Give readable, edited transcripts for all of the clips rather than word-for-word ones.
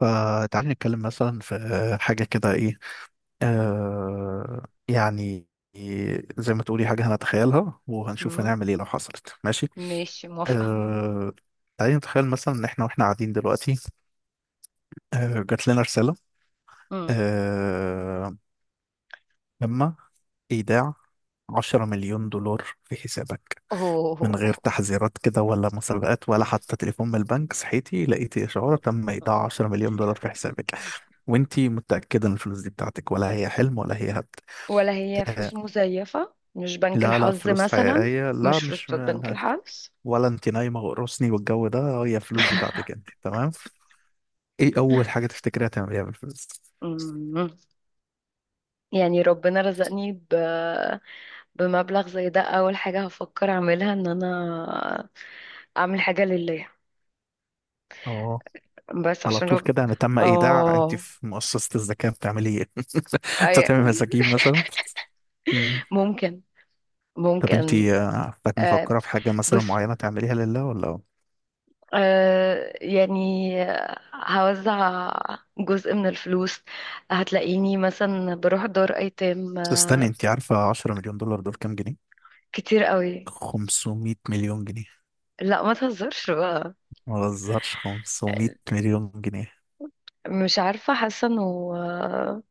فتعالي نتكلم مثلا في حاجة كده، إيه؟ آه يعني زي ما تقولي حاجة هنتخيلها وهنشوف مم. هنعمل إيه لو حصلت. ماشي. ماشي، موافقة. آه تعالي نتخيل مثلا إن إحنا قاعدين دلوقتي. جات لنا رسالة. مم. آه لما إيداع 10 مليون دولار في حسابك، من أوه. غير تحذيرات كده، ولا مسابقات، ولا حتى تليفون من البنك. صحيتي لقيتي إشعار: تم إيداع 10 مليون دولار في حسابك. وانتي متأكدة ان الفلوس دي بتاعتك، ولا هي حلم، ولا هي هبد؟ ولا هي آه، فلوس مزيفة؟ مش بنك لا، لا الحظ فلوس مثلا، حقيقية، لا مش فلوس مش، بتاعت بنك الحظ. ولا انتي نايمة وقرصني والجو ده، هي فلوس بتاعتك انتي، تمام. ايه أول حاجة تفتكريها تعمليها بالفلوس؟ مم. يعني ربنا رزقني بمبلغ زي ده، أول حاجة هفكر أعملها إن أنا أعمل حاجة لله، اه، بس على عشان طول كده يعني تم إيداع؟ انتي آه في مؤسسة الزكاة بتعملي ايه؟ أي... بتعملي مساجين مثلا؟ ممكن، طب ممكن. انتي، عارفاك آه. مفكرة في حاجة مثلا بس معينة تعمليها لله ولا؟ يعني هوزع جزء من الفلوس، هتلاقيني مثلا بروح دار ايتام. بس استني، انتي عارفة 10 مليون دولار دول كام جنيه؟ كتير قوي. 500 مليون جنيه. لا ما تهزرش بقى. ما بهزرش، 500 مليون جنيه. مش عارفة، حاسة انه، آه،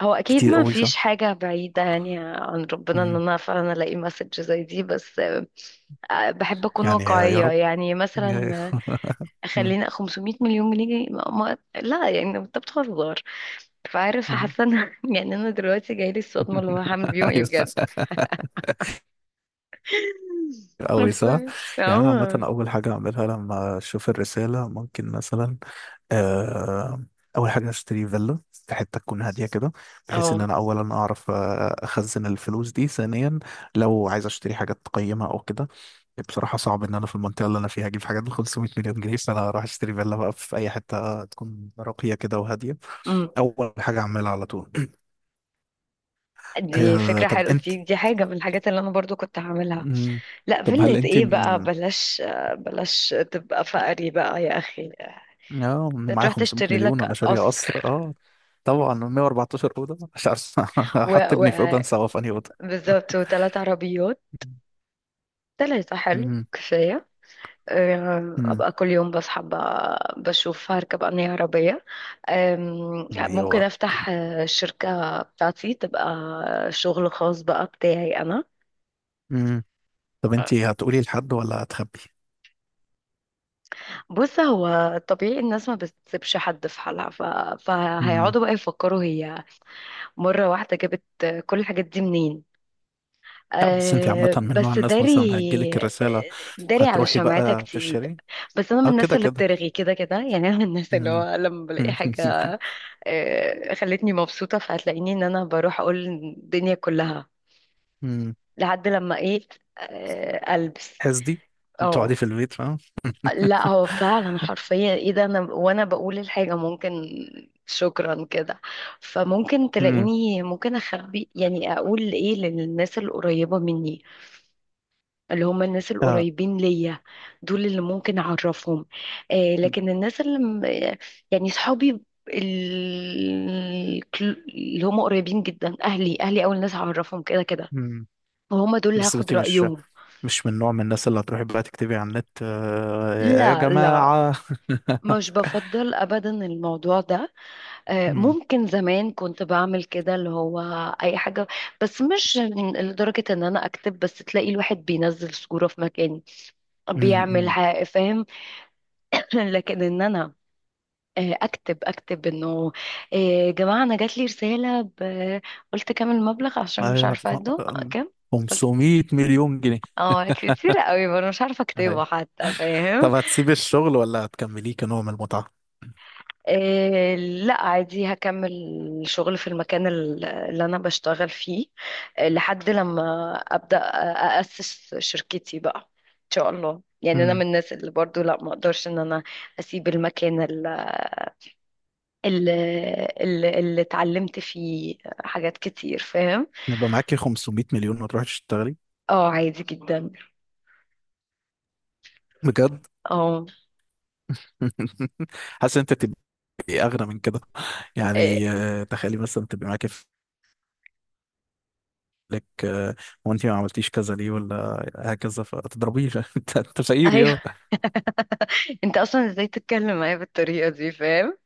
هو اكيد كتير ما قوي صح؟ فيش حاجة بعيدة يعني عن ربنا ان مم. انا فعلا الاقي مسج زي دي، بس بحب اكون يعني يا واقعية رب. يعني. مثلا، مم. خلينا 500 مليون جنيه. لا يعني انت بتهزر. فعارف، مم. حاسه ان، يعني انا دلوقتي جايلي الصدمه اللي هو هعمل بيهم ايه ايوه، بجد. أوي ف- صح؟ يعني أنا عامة اه، أول حاجة أعملها لما أشوف الرسالة ممكن مثلا، آه، أول حاجة أشتري فيلا في حتة تكون هادية كده، بحيث إن اه. أنا أولا أعرف، أخزن الفلوس دي، ثانيا لو عايز أشتري حاجات قيمة أو كده. بصراحة صعب إن أنا في المنطقة اللي أنا فيها أجيب حاجات ب 500 مليون جنيه، فأنا هروح أشتري فيلا بقى في أي حتة تكون راقية كده وهادية. أمم. أول حاجة أعملها على طول. دي فكرة طب حلوة، أنت. دي حاجة من الحاجات اللي أنا برضو كنت هعملها. مم. لا، طب هل فيلة أنت إيه بقى، من، بلاش، بلاش تبقى فقري بقى يا أخي. اه معايا تروح 500 تشتري مليون وانا لك شارية قصر. قصر. اه طبعا، 114 اوضه، مش عارف و... احط ابني في اوضه، و... انسى هو في انهي اوضه. بالظبط، وثلاث عربيات. ثلاثة حلو، مم. كفاية. مم. ابقى كل يوم بصحى بشوف هركب انهي عربيه. ممكن ايوه. افتح الشركه بتاعتي، تبقى شغل خاص بقى بتاعي انا. مم. طب انت هتقولي لحد ولا هتخبي؟ بص، هو طبيعي الناس ما بتسيبش حد في حالها، مم. فهيقعدوا بقى يفكروا هي مرة واحدة جابت كل الحاجات دي منين. لا، بس انت عامه أه من نوع بس الناس داري، مثلا هتجيلك آه، الرساله داري على هتروحي شمعتها بقى كتير. تشتري؟ بس انا من اه الناس كده اللي كده. بترغي كده كده، يعني انا من الناس اللي مم. هو لما بلاقي مم. حاجة خلتني مبسوطة، فهتلاقيني ان انا بروح اقول الدنيا كلها مم. لحد لما ايه البس. حسدي. تقعدي اه، في البيت، فاهم؟ لا هو فعلا حرفيا، ايه ده، انا وانا بقول الحاجة ممكن، شكرا كده. فممكن مم. تلاقيني ممكن اخبي، يعني اقول ايه للناس القريبة مني، اللي هم الناس اه. القريبين ليا، دول اللي ممكن اعرفهم. آه، لكن الناس اللي يعني صحابي، ال- اللي هم قريبين جدا، اهلي. اهلي اول ناس هعرفهم كده كده، مم. وهم دول اللي بس هاخد انت مش رايهم. مش من نوع من الناس اللي هتروحي بقى تكتبي على النت، يا لا، جماعة؟ مش بفضل ابدا الموضوع ده. مم، ممكن زمان كنت بعمل كده، اللي هو اي حاجه، بس مش لدرجه ان انا اكتب. بس تلاقي الواحد بينزل صوره في مكان مم، بيعمل مم. فاهم. لكن ان انا اكتب انه يا جماعه انا جات لي رساله قلت كام المبلغ عشان مش ايوه، عارفه اده آه، كام. 500 مليون جنيه. اه كتير قوي، وانا مش عارفه أيوة. اكتبه حتى، فاهم. طب هتسيبي الشغل ولا هتكمليه كنوع من المتعة؟ لا عادي هكمل شغل في المكان اللي انا بشتغل فيه لحد لما ابدا اسس شركتي بقى ان شاء الله. يعني انا من مم. الناس اللي برضو لا، ما اقدرش ان انا اسيب المكان اللي اتعلمت فيه حاجات كتير، فاهم. يبقى معاكي 500 مليون وتروحي تشتغلي؟ اه، عادي جدا. بجد؟ اه. حاسس انت تبقي اغنى من كده. يعني، إيه، تخيلي مثلا تبقي معاكي لك، وانت ما عملتيش كذا ليه، ولا هكذا، فتضربيه. انت أنت ايوه. فقير. انت اصلا ازاي تتكلم معايا بالطريقه دي؟ فاهم،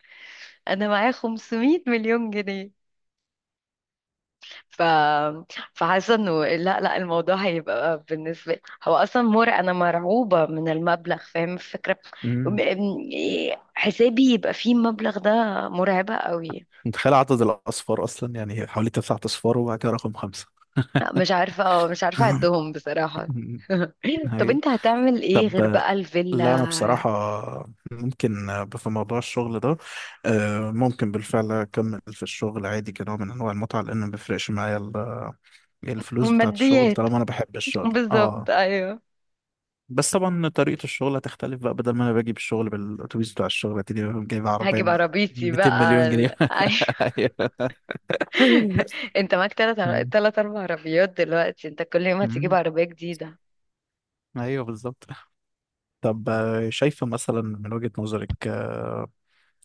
انا معايا 500 مليون جنيه. ف فحاسه انه لا الموضوع هيبقى بالنسبه لي، هو اصلا مر، انا مرعوبه من المبلغ، فاهم الفكره. يا إيه، حسابي يبقى فيه المبلغ ده، مرعبه قوي. متخيل عدد الأصفار، أصلا يعني حوالي تسعة أصفار وبعد كده رقم خمسة. مش عارفه، اه مش عارفه اعدهم بصراحه. طب هي، انت هتعمل ايه طب، غير بقى لا أنا الفيلا؟ بصراحة ممكن، في موضوع الشغل ده، ممكن بالفعل أكمل في الشغل عادي كنوع من أنواع المتعة، لأن ما بيفرقش معايا يعني الفلوس بتاعة الشغل الماديات، طالما أنا بحب الشغل، بالظبط أه. ايوه. بس طبعا طريقة الشغل هتختلف بقى، بدل ما أنا باجي بالشغل بالأتوبيس بتاع الشغل، هتلاقيني جايب عربية هجيب ب عربيتي 200 بقى مليون جنيه. أيوة. أيوه. انت معاك أمم، تلات اربع عربيات دلوقتي، انت كل يوم هتجيب عربية جديدة. أيوه بالظبط. طب، شايفة مثلا من وجهة نظرك، آه،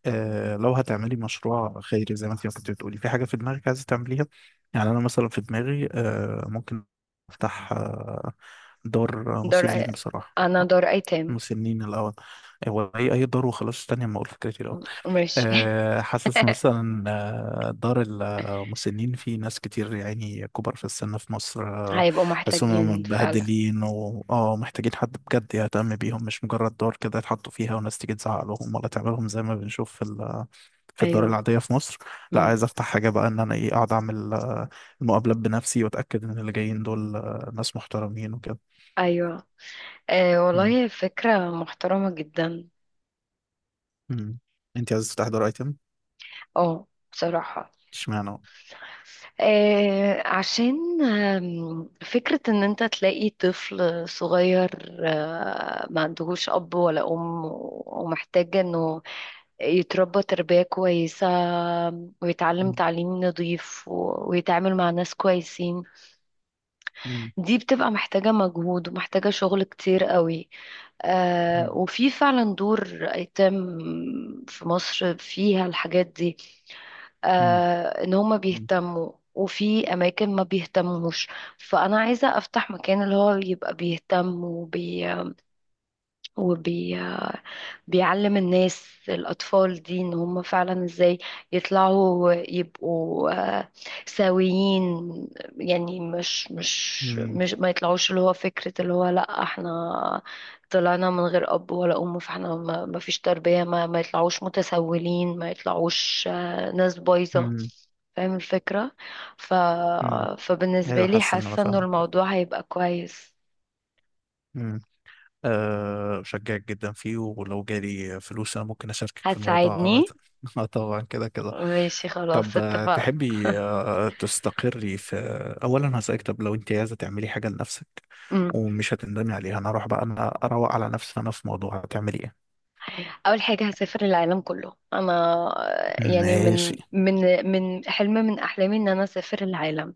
آه، لو هتعملي مشروع خيري زي ما انت كنت بتقولي في حاجة في دماغك عايزة تعمليها؟ يعني أنا مثلا في دماغي، ممكن أفتح، دار دار مسنين بصراحة. انا دار ايتام. مسنين الأول، هو أي دار وخلاص، تانية ما أقول فكرتي الأول. ماشي. حاسس مثلا، دار المسنين، في ناس كتير يعني كبار في السن في مصر، هيبقوا بحسهم محتاجين فعلا. متبهدلين و محتاجين حد بجد يهتم بيهم، مش مجرد دار كده يتحطوا فيها، وناس تيجي تزعق لهم، ولا تعملهم زي ما بنشوف في في الدار ايوه. العادية في مصر. لا، مم. عايز افتح حاجة بقى ان انا ايه، اقعد اعمل المقابلات بنفسي، واتاكد ان اللي جايين دول ناس محترمين وكده. ايوه، آه مم. والله فكرة محترمة جدا. مم. انت عايز تفتح دار ايتم؟ اه بصراحة، اشمعنى؟ عشان فكرة ان انت تلاقي طفل صغير آه ما عندهوش اب ولا ام، ومحتاج انه يتربى تربية كويسة، ويتعلم مم. تعليم نظيف ويتعامل مع ناس كويسين. مم. دي بتبقى محتاجة مجهود، ومحتاجة شغل كتير قوي. آه مم. وفي فعلا دور أيتام في مصر فيها الحاجات دي، مم. آه إن هما بيهتموا، وفي أماكن ما بيهتموش. فأنا عايزة أفتح مكان اللي هو يبقى بيهتم وبي... بيعلم الناس، الأطفال دي إن هم فعلا إزاي يطلعوا يبقوا آه، سويين. يعني مش ما يطلعوش، اللي هو فكرة اللي هو لأ احنا طلعنا من غير أب ولا أم، فاحنا ما ما فيش تربية. ما يطلعوش متسولين، ما يطلعوش ناس بايظة، مم. فاهم الفكرة. ف... مم. فبالنسبة ايوه، لي حاسس ان انا حاسة إنه فاهمك. الموضوع هيبقى كويس. امم. أه، بشجعك جدا فيه، ولو جالي فلوس انا ممكن اشاركك في الموضوع عامة. هتساعدني؟ اه طبعا كده كده. ماشي خلاص، طب، اتفقنا. تحبي، تستقري في، اولا هسألك، طب لو انت عايزه تعملي حاجه لنفسك ومش هتندمي عليها، انا اروح بقى انا اروق على نفسي، انا في موضوع هتعملي ايه؟ اول حاجه هسافر العالم كله انا، يعني ماشي. من حلم من احلامي ان انا اسافر العالم.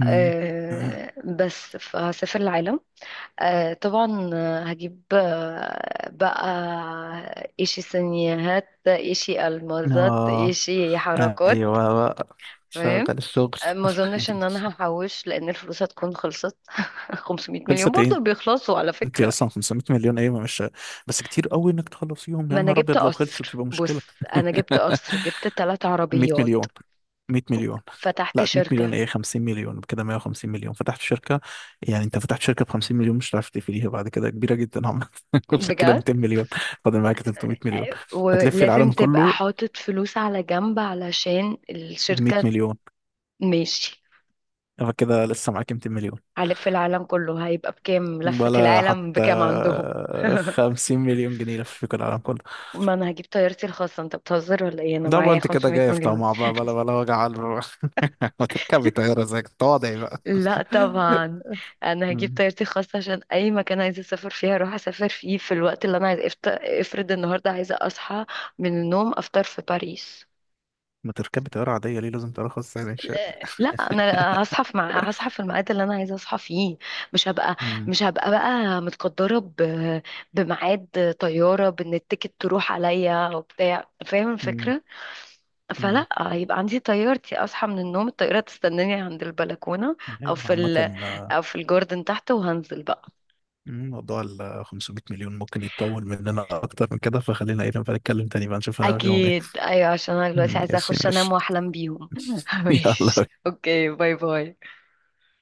امم. أه بس، فهسافر العالم. أه طبعا هجيب بقى ايشي سينيهات، ايشي المازات، اه، ايشي حركات. ايوه بقى، شغل تمام. الشغل. ما اظنش ان انا هحوش، لان الفلوس هتكون خلصت. 500 مليون خلصت برضو ايه؟ بيخلصوا على انت فكره. اصلا 500 مليون ايه مش، بس كتير قوي انك تخلصيهم، يا ما انا نهار جبت ابيض لو خلصوا قصر، تبقى بص مشكله. انا جبت قصر، جبت ثلاث 100 عربيات، مليون، 100 مليون. فتحت لا 100 مليون شركة، ايه، 50 مليون كده، 150 مليون فتحت شركه. يعني انت فتحت شركه ب 50 مليون، مش هتعرف تقفليها بعد كده، كبيره جدا. عملت كل كده بجد. 200 مليون. فاضل معاك 300 مليون. هتلفي ولازم العالم تبقى كله حاطط فلوس على جنب علشان ب 100 الشركة. مليون. ماشي، فكده لسه معاك 200 مليون. هلف العالم كله. هيبقى بكام لفة ولا العالم، حتى بكام عندهم؟ 50 مليون جنيه لفيكوا العالم كله. ما انا هجيب طيارتي الخاصة، انت بتهزر ولا ايه؟ انا ده بقى معايا انت كده 500 جاي في مليون. طمع بقى، بلا بلا وجع على الروح. ما تركبي طيارة زيك، تواضعي بقى. لا طبعا، انا هجيب مم. طيارتي الخاصة، عشان اي مكان عايزة اسافر فيه هروح اسافر فيه في الوقت اللي انا عايزة. افرض النهاردة عايزة اصحى من النوم، افطر في باريس. ما تركبي طيارة عادية ليه، لازم ترخص يعني شيء؟ لا انا هصحى في هصحى في الميعاد اللي انا عايزه اصحى فيه. مش هبقى، مم. مش هبقى بقى متقدره بميعاد طياره، بان التيكت تروح عليا وبتاع، فاهم مم. الفكره. مم. فلا، هيبقى عندي طيارتي، اصحى من النوم الطياره تستناني عند البلكونه، او ايوه في عامة. آه، او في الجاردن تحت، وهنزل بقى. مم، موضوع ال 500 مليون ممكن يتطول مننا أكتر من كده، فخلينا ايه نبقى نتكلم تاني بقى نشوف هنعمل فيهم ايه. اكيد، ايوه، عشان انا دلوقتي مم، عايزه ماشي اخش انام ماشي. واحلم بيهم. ماشي يلا. اوكي، باي باي.